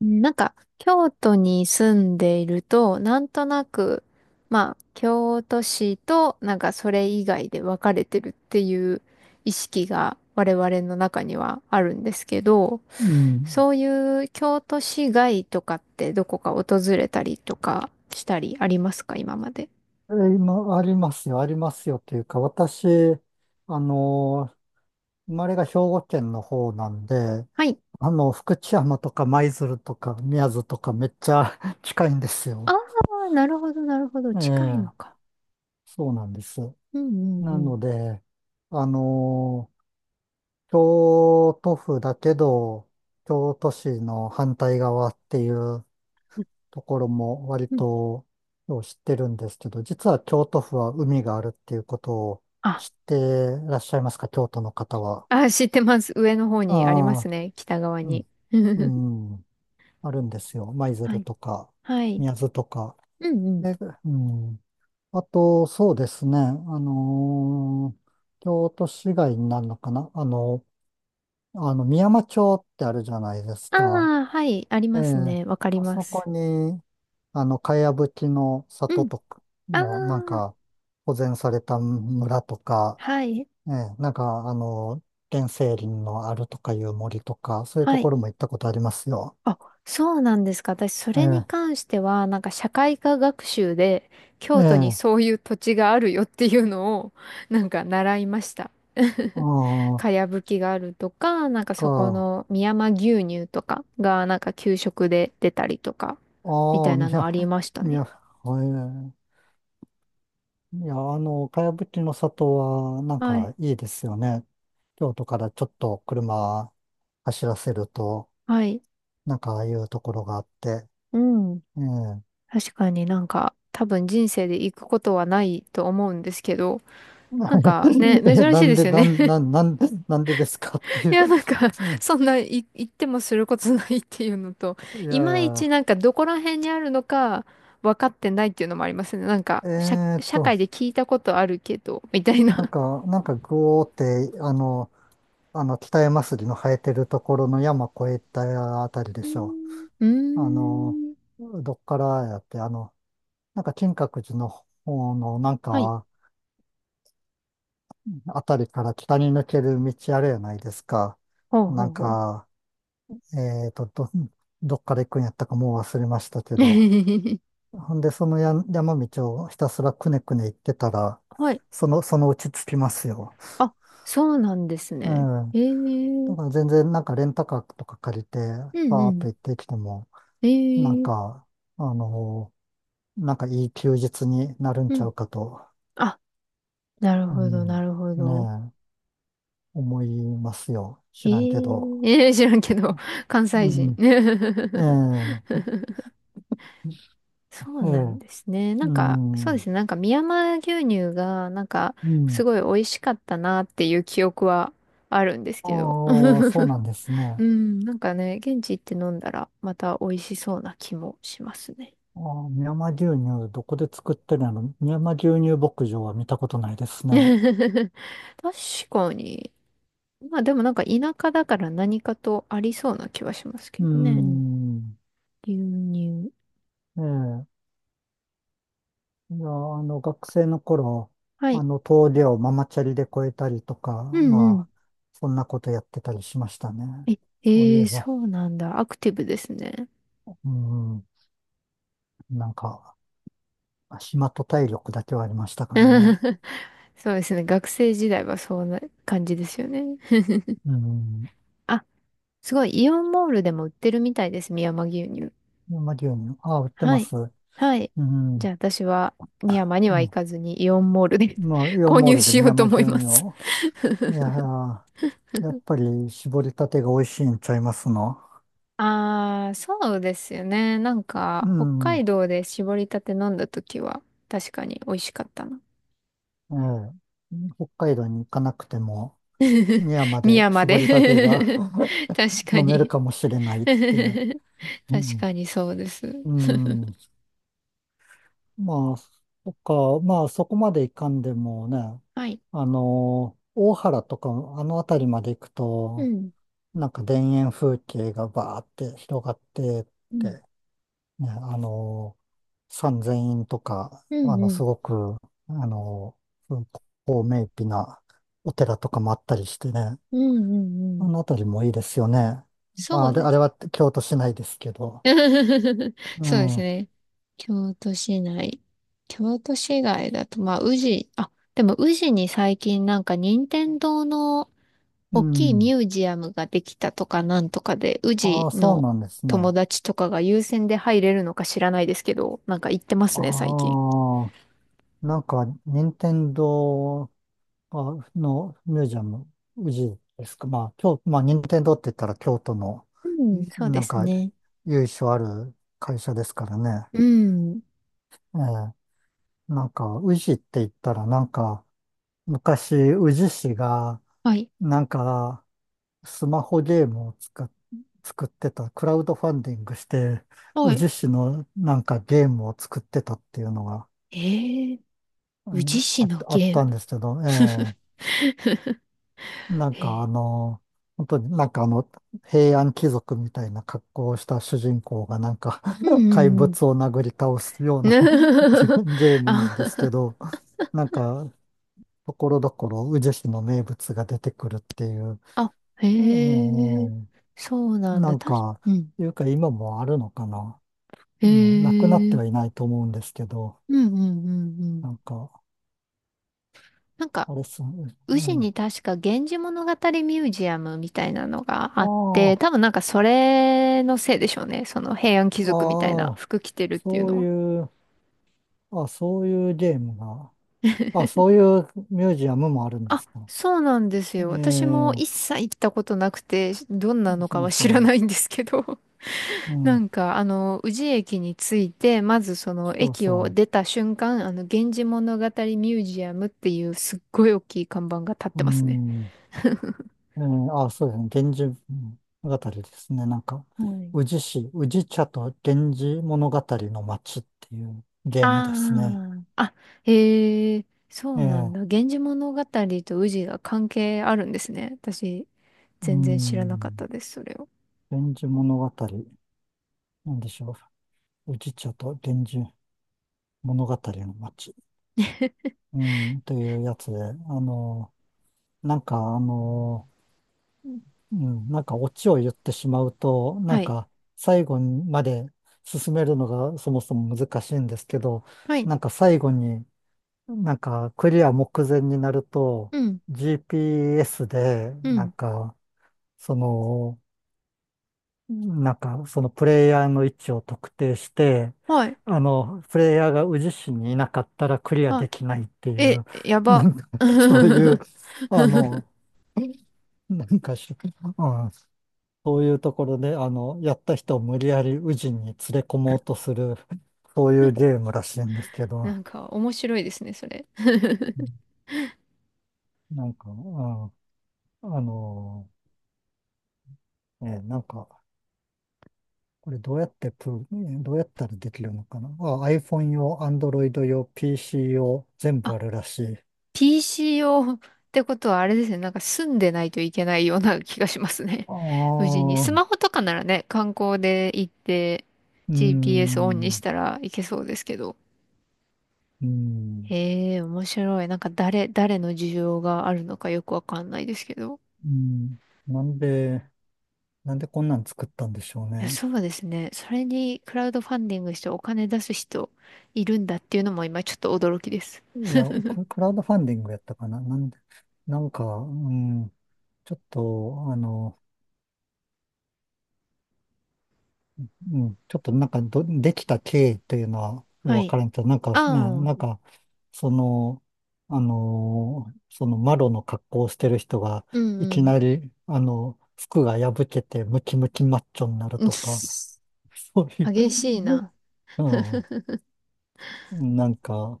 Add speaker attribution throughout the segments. Speaker 1: うんなんか、京都に住んでいると、なんとなく、まあ、京都市と、なんかそれ以外で分かれてるっていう意識が我々の中にはあるんですけど、
Speaker 2: うん。
Speaker 1: そういう京都市外とかってどこか訪れたりとかしたりありますか、今まで。
Speaker 2: 今、ありますよ、ありますよというか、私、あのー生まれが兵庫県の方なんで、
Speaker 1: はい。
Speaker 2: 福知山とか舞鶴とか宮津とかめっちゃ 近いんです
Speaker 1: あ
Speaker 2: よ。
Speaker 1: あ、なるほど、なるほど。
Speaker 2: え
Speaker 1: 近い
Speaker 2: え、
Speaker 1: のか。
Speaker 2: そうなんです。
Speaker 1: うんうん
Speaker 2: な
Speaker 1: うん。
Speaker 2: ので、あのー京都府だけど、京都市の反対側っていうところも割
Speaker 1: うん
Speaker 2: とよう知ってるんですけど、実は京都府は海があるっていうことを
Speaker 1: あ、
Speaker 2: 知ってらっしゃいますか、京都の方は？
Speaker 1: あ、知ってます。上の方にありま
Speaker 2: あ
Speaker 1: す
Speaker 2: あ、
Speaker 1: ね。北側
Speaker 2: う
Speaker 1: に。
Speaker 2: ん、う ん、あるんですよ。舞
Speaker 1: は
Speaker 2: 鶴
Speaker 1: い
Speaker 2: とか、
Speaker 1: はい。
Speaker 2: 宮津とか。
Speaker 1: うんうん。
Speaker 2: で、うん。あと、そうですね、のー京都市街になるのかな、美山町ってあるじゃないです
Speaker 1: あ
Speaker 2: か。
Speaker 1: あ、はい。あり
Speaker 2: え
Speaker 1: ます
Speaker 2: え、
Speaker 1: ね。わかり
Speaker 2: あ
Speaker 1: ま
Speaker 2: そ
Speaker 1: す。
Speaker 2: こに、かやぶきの
Speaker 1: う
Speaker 2: 里
Speaker 1: ん。
Speaker 2: とか
Speaker 1: あ
Speaker 2: の、なん
Speaker 1: あ、
Speaker 2: か、保全された村とか、
Speaker 1: はい。
Speaker 2: ええ、なんか、原生林のあるとかいう森とか、そういうと
Speaker 1: は
Speaker 2: こ
Speaker 1: い。
Speaker 2: ろも行ったことありますよ。
Speaker 1: あ、そうなんですか。私、そ
Speaker 2: え
Speaker 1: れに
Speaker 2: え、
Speaker 1: 関しては、なんか社会科学習で、
Speaker 2: え
Speaker 1: 京都に
Speaker 2: え、
Speaker 1: そういう土地があるよっていうのを、なんか習いました。
Speaker 2: あ
Speaker 1: か
Speaker 2: あ、
Speaker 1: やぶきがあるとか、なんかそこ
Speaker 2: か、
Speaker 1: の美山牛乳とかが、なんか給食で出たりとか、みた
Speaker 2: ああ、
Speaker 1: い
Speaker 2: み
Speaker 1: なのあ
Speaker 2: や、
Speaker 1: りました
Speaker 2: み
Speaker 1: ね。
Speaker 2: や、はい、いや、かやぶきの里は、なん
Speaker 1: はい。
Speaker 2: か、いいですよね。京都からちょっと車走らせると、
Speaker 1: はい。
Speaker 2: なんか、ああいうところがあって、
Speaker 1: うん。
Speaker 2: ええ。
Speaker 1: 確かになんか多分人生で行くことはないと思うんですけど、なんかね、
Speaker 2: え、
Speaker 1: 珍し
Speaker 2: な
Speaker 1: い
Speaker 2: ん
Speaker 1: で
Speaker 2: で、
Speaker 1: すよね。
Speaker 2: なんでですかって い
Speaker 1: い
Speaker 2: う。
Speaker 1: や、なんか、
Speaker 2: う ん。
Speaker 1: そんない行ってもすることないっていうのと、
Speaker 2: いやい
Speaker 1: いまいち
Speaker 2: や、
Speaker 1: なんかどこら辺にあるのか分かってないっていうのもありますね。なんか、
Speaker 2: えー
Speaker 1: 社
Speaker 2: と、
Speaker 1: 会で聞いたことあるけど、みたい
Speaker 2: なん
Speaker 1: な。
Speaker 2: か、なんか、ぐおーって、北山杉の生えてるところの山越えたあたりで
Speaker 1: うー
Speaker 2: しょ
Speaker 1: んう
Speaker 2: う。
Speaker 1: ーん。
Speaker 2: どっからやって、なんか、金閣寺の方の、なん
Speaker 1: はい。
Speaker 2: か、あたりから北に抜ける道あるやないですか。
Speaker 1: ほう
Speaker 2: な
Speaker 1: ほう
Speaker 2: ん
Speaker 1: ほう。
Speaker 2: か、えーと、ど、どっから行くんやったかもう忘れましたけど。ほんで、そのや山道をひたすらくねくね行ってたら、
Speaker 1: はい。
Speaker 2: そのうち着きますよ。
Speaker 1: あ、そうなんです
Speaker 2: う
Speaker 1: ね。
Speaker 2: ん。
Speaker 1: ええう
Speaker 2: だ
Speaker 1: ん
Speaker 2: から全然なんかレンタカーとか借りて、
Speaker 1: う
Speaker 2: バーっと
Speaker 1: ん。
Speaker 2: 行ってきても、
Speaker 1: え
Speaker 2: なん
Speaker 1: え
Speaker 2: か、あのなんかいい休日になるん
Speaker 1: う
Speaker 2: ちゃ
Speaker 1: ん。
Speaker 2: うかと、
Speaker 1: あなる
Speaker 2: う
Speaker 1: ほど、な
Speaker 2: ん、
Speaker 1: るほど。
Speaker 2: ねえ、思いますよ。
Speaker 1: え
Speaker 2: 知らんけど。
Speaker 1: えー、知らんけど、関西
Speaker 2: う
Speaker 1: 人。
Speaker 2: ん。え え、
Speaker 1: そう
Speaker 2: え
Speaker 1: なん
Speaker 2: え、
Speaker 1: ですね。な
Speaker 2: う
Speaker 1: んか、そうで
Speaker 2: ん。
Speaker 1: すね。なんか、美山牛乳が、なんか、
Speaker 2: うん。
Speaker 1: すごい美味しかったなっていう記憶はあるんです
Speaker 2: あ
Speaker 1: けど。
Speaker 2: あ、そうなんです
Speaker 1: う
Speaker 2: ね。
Speaker 1: ん、なんかね、現地行って飲んだら、また美味しそうな気もしますね。
Speaker 2: ああ、深山牛乳、どこで作ってるの？深山牛乳牧場は見たことないです ね。
Speaker 1: 確かに。まあでもなんか田舎だから何かとありそうな気はします
Speaker 2: う
Speaker 1: け
Speaker 2: ー
Speaker 1: どね。
Speaker 2: ん。
Speaker 1: 牛乳。
Speaker 2: ええ。いや、学生の頃、
Speaker 1: はい。
Speaker 2: 峠をママチャリで越えたりとか、
Speaker 1: うんう
Speaker 2: ま
Speaker 1: ん。
Speaker 2: あ、そんなことやってたりしましたね。
Speaker 1: え、
Speaker 2: そうい
Speaker 1: え
Speaker 2: え
Speaker 1: ー
Speaker 2: ば、
Speaker 1: そうなんだ。アクティブですね。
Speaker 2: うん、なんか、暇と体力だけはありましたからね。
Speaker 1: そうですね。学生時代はそんな感じですよね。
Speaker 2: うん。
Speaker 1: あ、すごい。イオンモールでも売ってるみたいです。美山牛乳。
Speaker 2: 深山牛乳、ああ、売って
Speaker 1: は
Speaker 2: ま
Speaker 1: い。
Speaker 2: す。う
Speaker 1: はい。じ
Speaker 2: ん。
Speaker 1: ゃあ私は美山に
Speaker 2: う
Speaker 1: は行
Speaker 2: ん。
Speaker 1: かずにイオンモールで
Speaker 2: まあ、イ オ
Speaker 1: 購
Speaker 2: ンモー
Speaker 1: 入
Speaker 2: ルで
Speaker 1: し
Speaker 2: 深
Speaker 1: ようと
Speaker 2: 山牛
Speaker 1: 思いま
Speaker 2: 乳
Speaker 1: す。
Speaker 2: を、いやー、やっぱり搾りたてが美味しいんちゃいますの。
Speaker 1: ああ、そうですよね。なん
Speaker 2: う
Speaker 1: か、北
Speaker 2: ん。
Speaker 1: 海道で絞りたて飲んだ時は、確かに美味しかったな。
Speaker 2: ええ。北海道に行かなくても、宮 ま
Speaker 1: 美
Speaker 2: で
Speaker 1: 山
Speaker 2: 搾りたてが
Speaker 1: で 確 か
Speaker 2: 飲める
Speaker 1: に。
Speaker 2: かもしれないっていう。う
Speaker 1: 確
Speaker 2: ん。
Speaker 1: かにそうです。
Speaker 2: うん。まあ、そっか、まあそこまで行かんでもね、
Speaker 1: はい。
Speaker 2: 大原とか、あの辺りまで行く
Speaker 1: う
Speaker 2: と、
Speaker 1: ん。
Speaker 2: なんか田園風景がバーって広がって
Speaker 1: うん。
Speaker 2: ね、三千院とか、
Speaker 1: うんう
Speaker 2: す
Speaker 1: ん。
Speaker 2: ごく、あの、高名碑なお寺とかもあったりしてね、
Speaker 1: うんうんう
Speaker 2: あ
Speaker 1: ん。
Speaker 2: の辺りもいいですよね。ま
Speaker 1: そ
Speaker 2: あ、あ
Speaker 1: う
Speaker 2: れ、
Speaker 1: で
Speaker 2: あれ
Speaker 1: す。
Speaker 2: は京都市内ですけど。う
Speaker 1: そうです
Speaker 2: ん、
Speaker 1: ね。京都市内。京都市外だと、まあ、宇治、あ、でも宇治に最近なんか任天堂の
Speaker 2: う
Speaker 1: 大きいミ
Speaker 2: ん。
Speaker 1: ュージアムができたとかなんとかで、宇
Speaker 2: あ
Speaker 1: 治
Speaker 2: あ、そう
Speaker 1: の
Speaker 2: なんです
Speaker 1: 友
Speaker 2: ね。
Speaker 1: 達とかが優先で入れるのか知らないですけど、なんか行ってますね、最
Speaker 2: あ
Speaker 1: 近。
Speaker 2: あ、なんか、任天堂あミュージアム、宇治ですか？まあ、まあ、任天堂って言ったら京都の、
Speaker 1: うん、そう
Speaker 2: な
Speaker 1: で
Speaker 2: ん
Speaker 1: す
Speaker 2: か、
Speaker 1: ね。
Speaker 2: 由緒ある会社ですからね。
Speaker 1: うん。
Speaker 2: ええ、なんか、宇治って言ったら、なんか、昔、宇治市が、
Speaker 1: はい。
Speaker 2: なんか、スマホゲームを作ってた、クラウドファンディングして、
Speaker 1: は
Speaker 2: 宇
Speaker 1: い
Speaker 2: 治市のなんかゲームを作ってたっていうのが、
Speaker 1: ええ宇治市の
Speaker 2: あっ
Speaker 1: ゲ
Speaker 2: た
Speaker 1: ー
Speaker 2: ん
Speaker 1: ム。
Speaker 2: ですけど、ええ、なんか
Speaker 1: ええ
Speaker 2: 本当になんか平安貴族みたいな格好をした主人公がなんか
Speaker 1: う
Speaker 2: 怪
Speaker 1: んん
Speaker 2: 物を殴り倒すような ゲームなんです
Speaker 1: あ、
Speaker 2: けど、なんか、ところどころ宇治市の名物が出てくるっていう。
Speaker 1: あ、
Speaker 2: うん
Speaker 1: へ
Speaker 2: う
Speaker 1: え、
Speaker 2: ん
Speaker 1: そう
Speaker 2: う
Speaker 1: な
Speaker 2: ん、
Speaker 1: ん
Speaker 2: な
Speaker 1: だ。
Speaker 2: ん
Speaker 1: たし、
Speaker 2: か、
Speaker 1: うん。
Speaker 2: いうか今もあるのかな。
Speaker 1: へ
Speaker 2: うん、なくなって
Speaker 1: え、
Speaker 2: はいないと思うんですけど、
Speaker 1: うんうんうんうん。
Speaker 2: なんか、
Speaker 1: なんか、
Speaker 2: あれっすね、う
Speaker 1: 宇治
Speaker 2: ん。あ
Speaker 1: に確か源氏物語ミュージアムみたいなのがあって、
Speaker 2: あ、
Speaker 1: 多分なんかそれのせいでしょうね。その平安貴
Speaker 2: あ
Speaker 1: 族みたいな
Speaker 2: あ、
Speaker 1: 服着てるっていう
Speaker 2: そう
Speaker 1: のは。
Speaker 2: いう、あ、そういうゲームが、あ、そういうミュージアムもあるんで
Speaker 1: あ、
Speaker 2: すか？
Speaker 1: そうなんですよ。私も
Speaker 2: え
Speaker 1: 一
Speaker 2: え、
Speaker 1: 切行ったことなくて、どんなのか
Speaker 2: そう
Speaker 1: は知ら
Speaker 2: そ
Speaker 1: ないんですけど。
Speaker 2: う、う
Speaker 1: な
Speaker 2: ん、
Speaker 1: んか、あの、宇治駅に着いて、まずその
Speaker 2: そう
Speaker 1: 駅を
Speaker 2: そ
Speaker 1: 出た瞬間、あの、源氏物語ミュージアムっていうすっごい大きい看板が立っ
Speaker 2: う、う
Speaker 1: てますね。
Speaker 2: ん。うん、あ、そうですね。源氏物語ですね。なんか、
Speaker 1: はい。
Speaker 2: 宇治市、宇治茶と源氏物語の街っていうゲ
Speaker 1: あ
Speaker 2: ームですね。
Speaker 1: あ、あ、へえ、そ
Speaker 2: え
Speaker 1: うなん
Speaker 2: え、
Speaker 1: だ。源氏物語と宇治が関係あるんですね。私、
Speaker 2: う
Speaker 1: 全然知らなかった
Speaker 2: ん、
Speaker 1: です、それを。
Speaker 2: 源氏物語、なんでしょう。宇治茶と源氏物語の街、うん、というやつで、の、なんか、うん、なんかオチを言ってしまうと、なん
Speaker 1: はい。
Speaker 2: か、最後まで進めるのがそもそも難しいんですけど、
Speaker 1: はい。
Speaker 2: なんか最後に、なんか、クリア目前になると、
Speaker 1: うん。
Speaker 2: GPS で、
Speaker 1: う
Speaker 2: なん
Speaker 1: ん。
Speaker 2: か、その、なんか、そのプレイヤーの位置を特定して、
Speaker 1: はい。
Speaker 2: プレイヤーが宇治市にいなかったらクリア
Speaker 1: は
Speaker 2: できないって
Speaker 1: い。
Speaker 2: い
Speaker 1: え、
Speaker 2: う、
Speaker 1: や
Speaker 2: な
Speaker 1: ば。
Speaker 2: んか、そういう、あの、なんかし、うん、そういうところで、やった人を無理やり宇治に連れ込もうとする、そういうゲームらしいんですけど、
Speaker 1: なんか、面白いですね、それ。
Speaker 2: なんか、うん、あの、なんか、これどうやってプロねどうやったらできるのかなあ、iPhone 用、Android 用、PC 用、全部あ
Speaker 1: あ
Speaker 2: るらしい。
Speaker 1: PCO ってことはあれですね。なんか住んでないといけないような気がしますね。
Speaker 2: あ
Speaker 1: 無事に。ス
Speaker 2: あ、う
Speaker 1: マホとかならね、観光で行って
Speaker 2: ー
Speaker 1: GPS オンにし
Speaker 2: ん、
Speaker 1: たらいけそうですけど。
Speaker 2: うん、
Speaker 1: へえ、面白い。なんか誰の需要があるのかよくわかんないですけど。
Speaker 2: うん。なんで、なんでこんなん作ったんでしょう
Speaker 1: いや、
Speaker 2: ね。
Speaker 1: そうですね。それにクラウドファンディングしてお金出す人いるんだっていうのも今ちょっと驚きです。
Speaker 2: いや、これクラウドファンディングやったかな。なんで、なんか、うん、ちょっと、うん、ちょっとなんかできた経緯というのは
Speaker 1: は
Speaker 2: 分
Speaker 1: い。
Speaker 2: からんけど、なんかね、
Speaker 1: ああ、
Speaker 2: なんか、その、そのマロの格好をしてる人が、
Speaker 1: うん
Speaker 2: い
Speaker 1: う
Speaker 2: き
Speaker 1: ん。
Speaker 2: なり、服が破けてムキムキマッチョになる
Speaker 1: うん
Speaker 2: とか、そうい
Speaker 1: 激しい
Speaker 2: う、
Speaker 1: な。
Speaker 2: うん、なんか、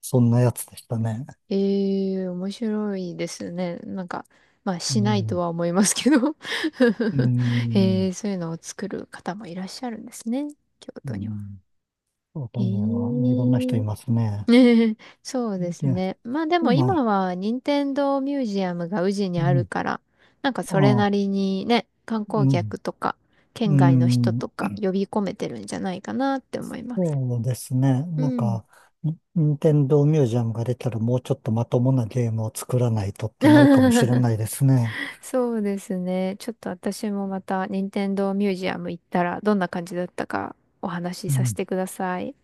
Speaker 2: そんなやつでしたね。
Speaker 1: ええ、面白いですね。なんか、まあ、
Speaker 2: う
Speaker 1: しないと
Speaker 2: ん、
Speaker 1: は思いますけど
Speaker 2: う
Speaker 1: え
Speaker 2: ん、
Speaker 1: え、そういうのを作る方もいらっしゃるんですね。京
Speaker 2: う
Speaker 1: 都には。
Speaker 2: ん、そうだ
Speaker 1: ええ、
Speaker 2: ね、いろんな人います ね。
Speaker 1: ねえそうです
Speaker 2: で、
Speaker 1: ね。まあでも
Speaker 2: まあ、
Speaker 1: 今は、任天堂ミュージアムが宇治に
Speaker 2: う
Speaker 1: ある
Speaker 2: ん、
Speaker 1: から、なんかそれ
Speaker 2: あ
Speaker 1: な
Speaker 2: あ、
Speaker 1: りにね、観
Speaker 2: う
Speaker 1: 光
Speaker 2: ん、
Speaker 1: 客とか、
Speaker 2: う
Speaker 1: 県外の人と
Speaker 2: ん。
Speaker 1: か呼び込めてるんじゃないかなって思います。
Speaker 2: そうですね。
Speaker 1: う
Speaker 2: なん
Speaker 1: ん。
Speaker 2: か、ニンテンドーミュージアムが出たらもうちょっとまともなゲームを作らないとってなるかもしれ ないですね。
Speaker 1: そうですね。ちょっと私もまた、任天堂ミュージアム行ったら、どんな感じだったかお話し
Speaker 2: う
Speaker 1: させ
Speaker 2: ん
Speaker 1: てください。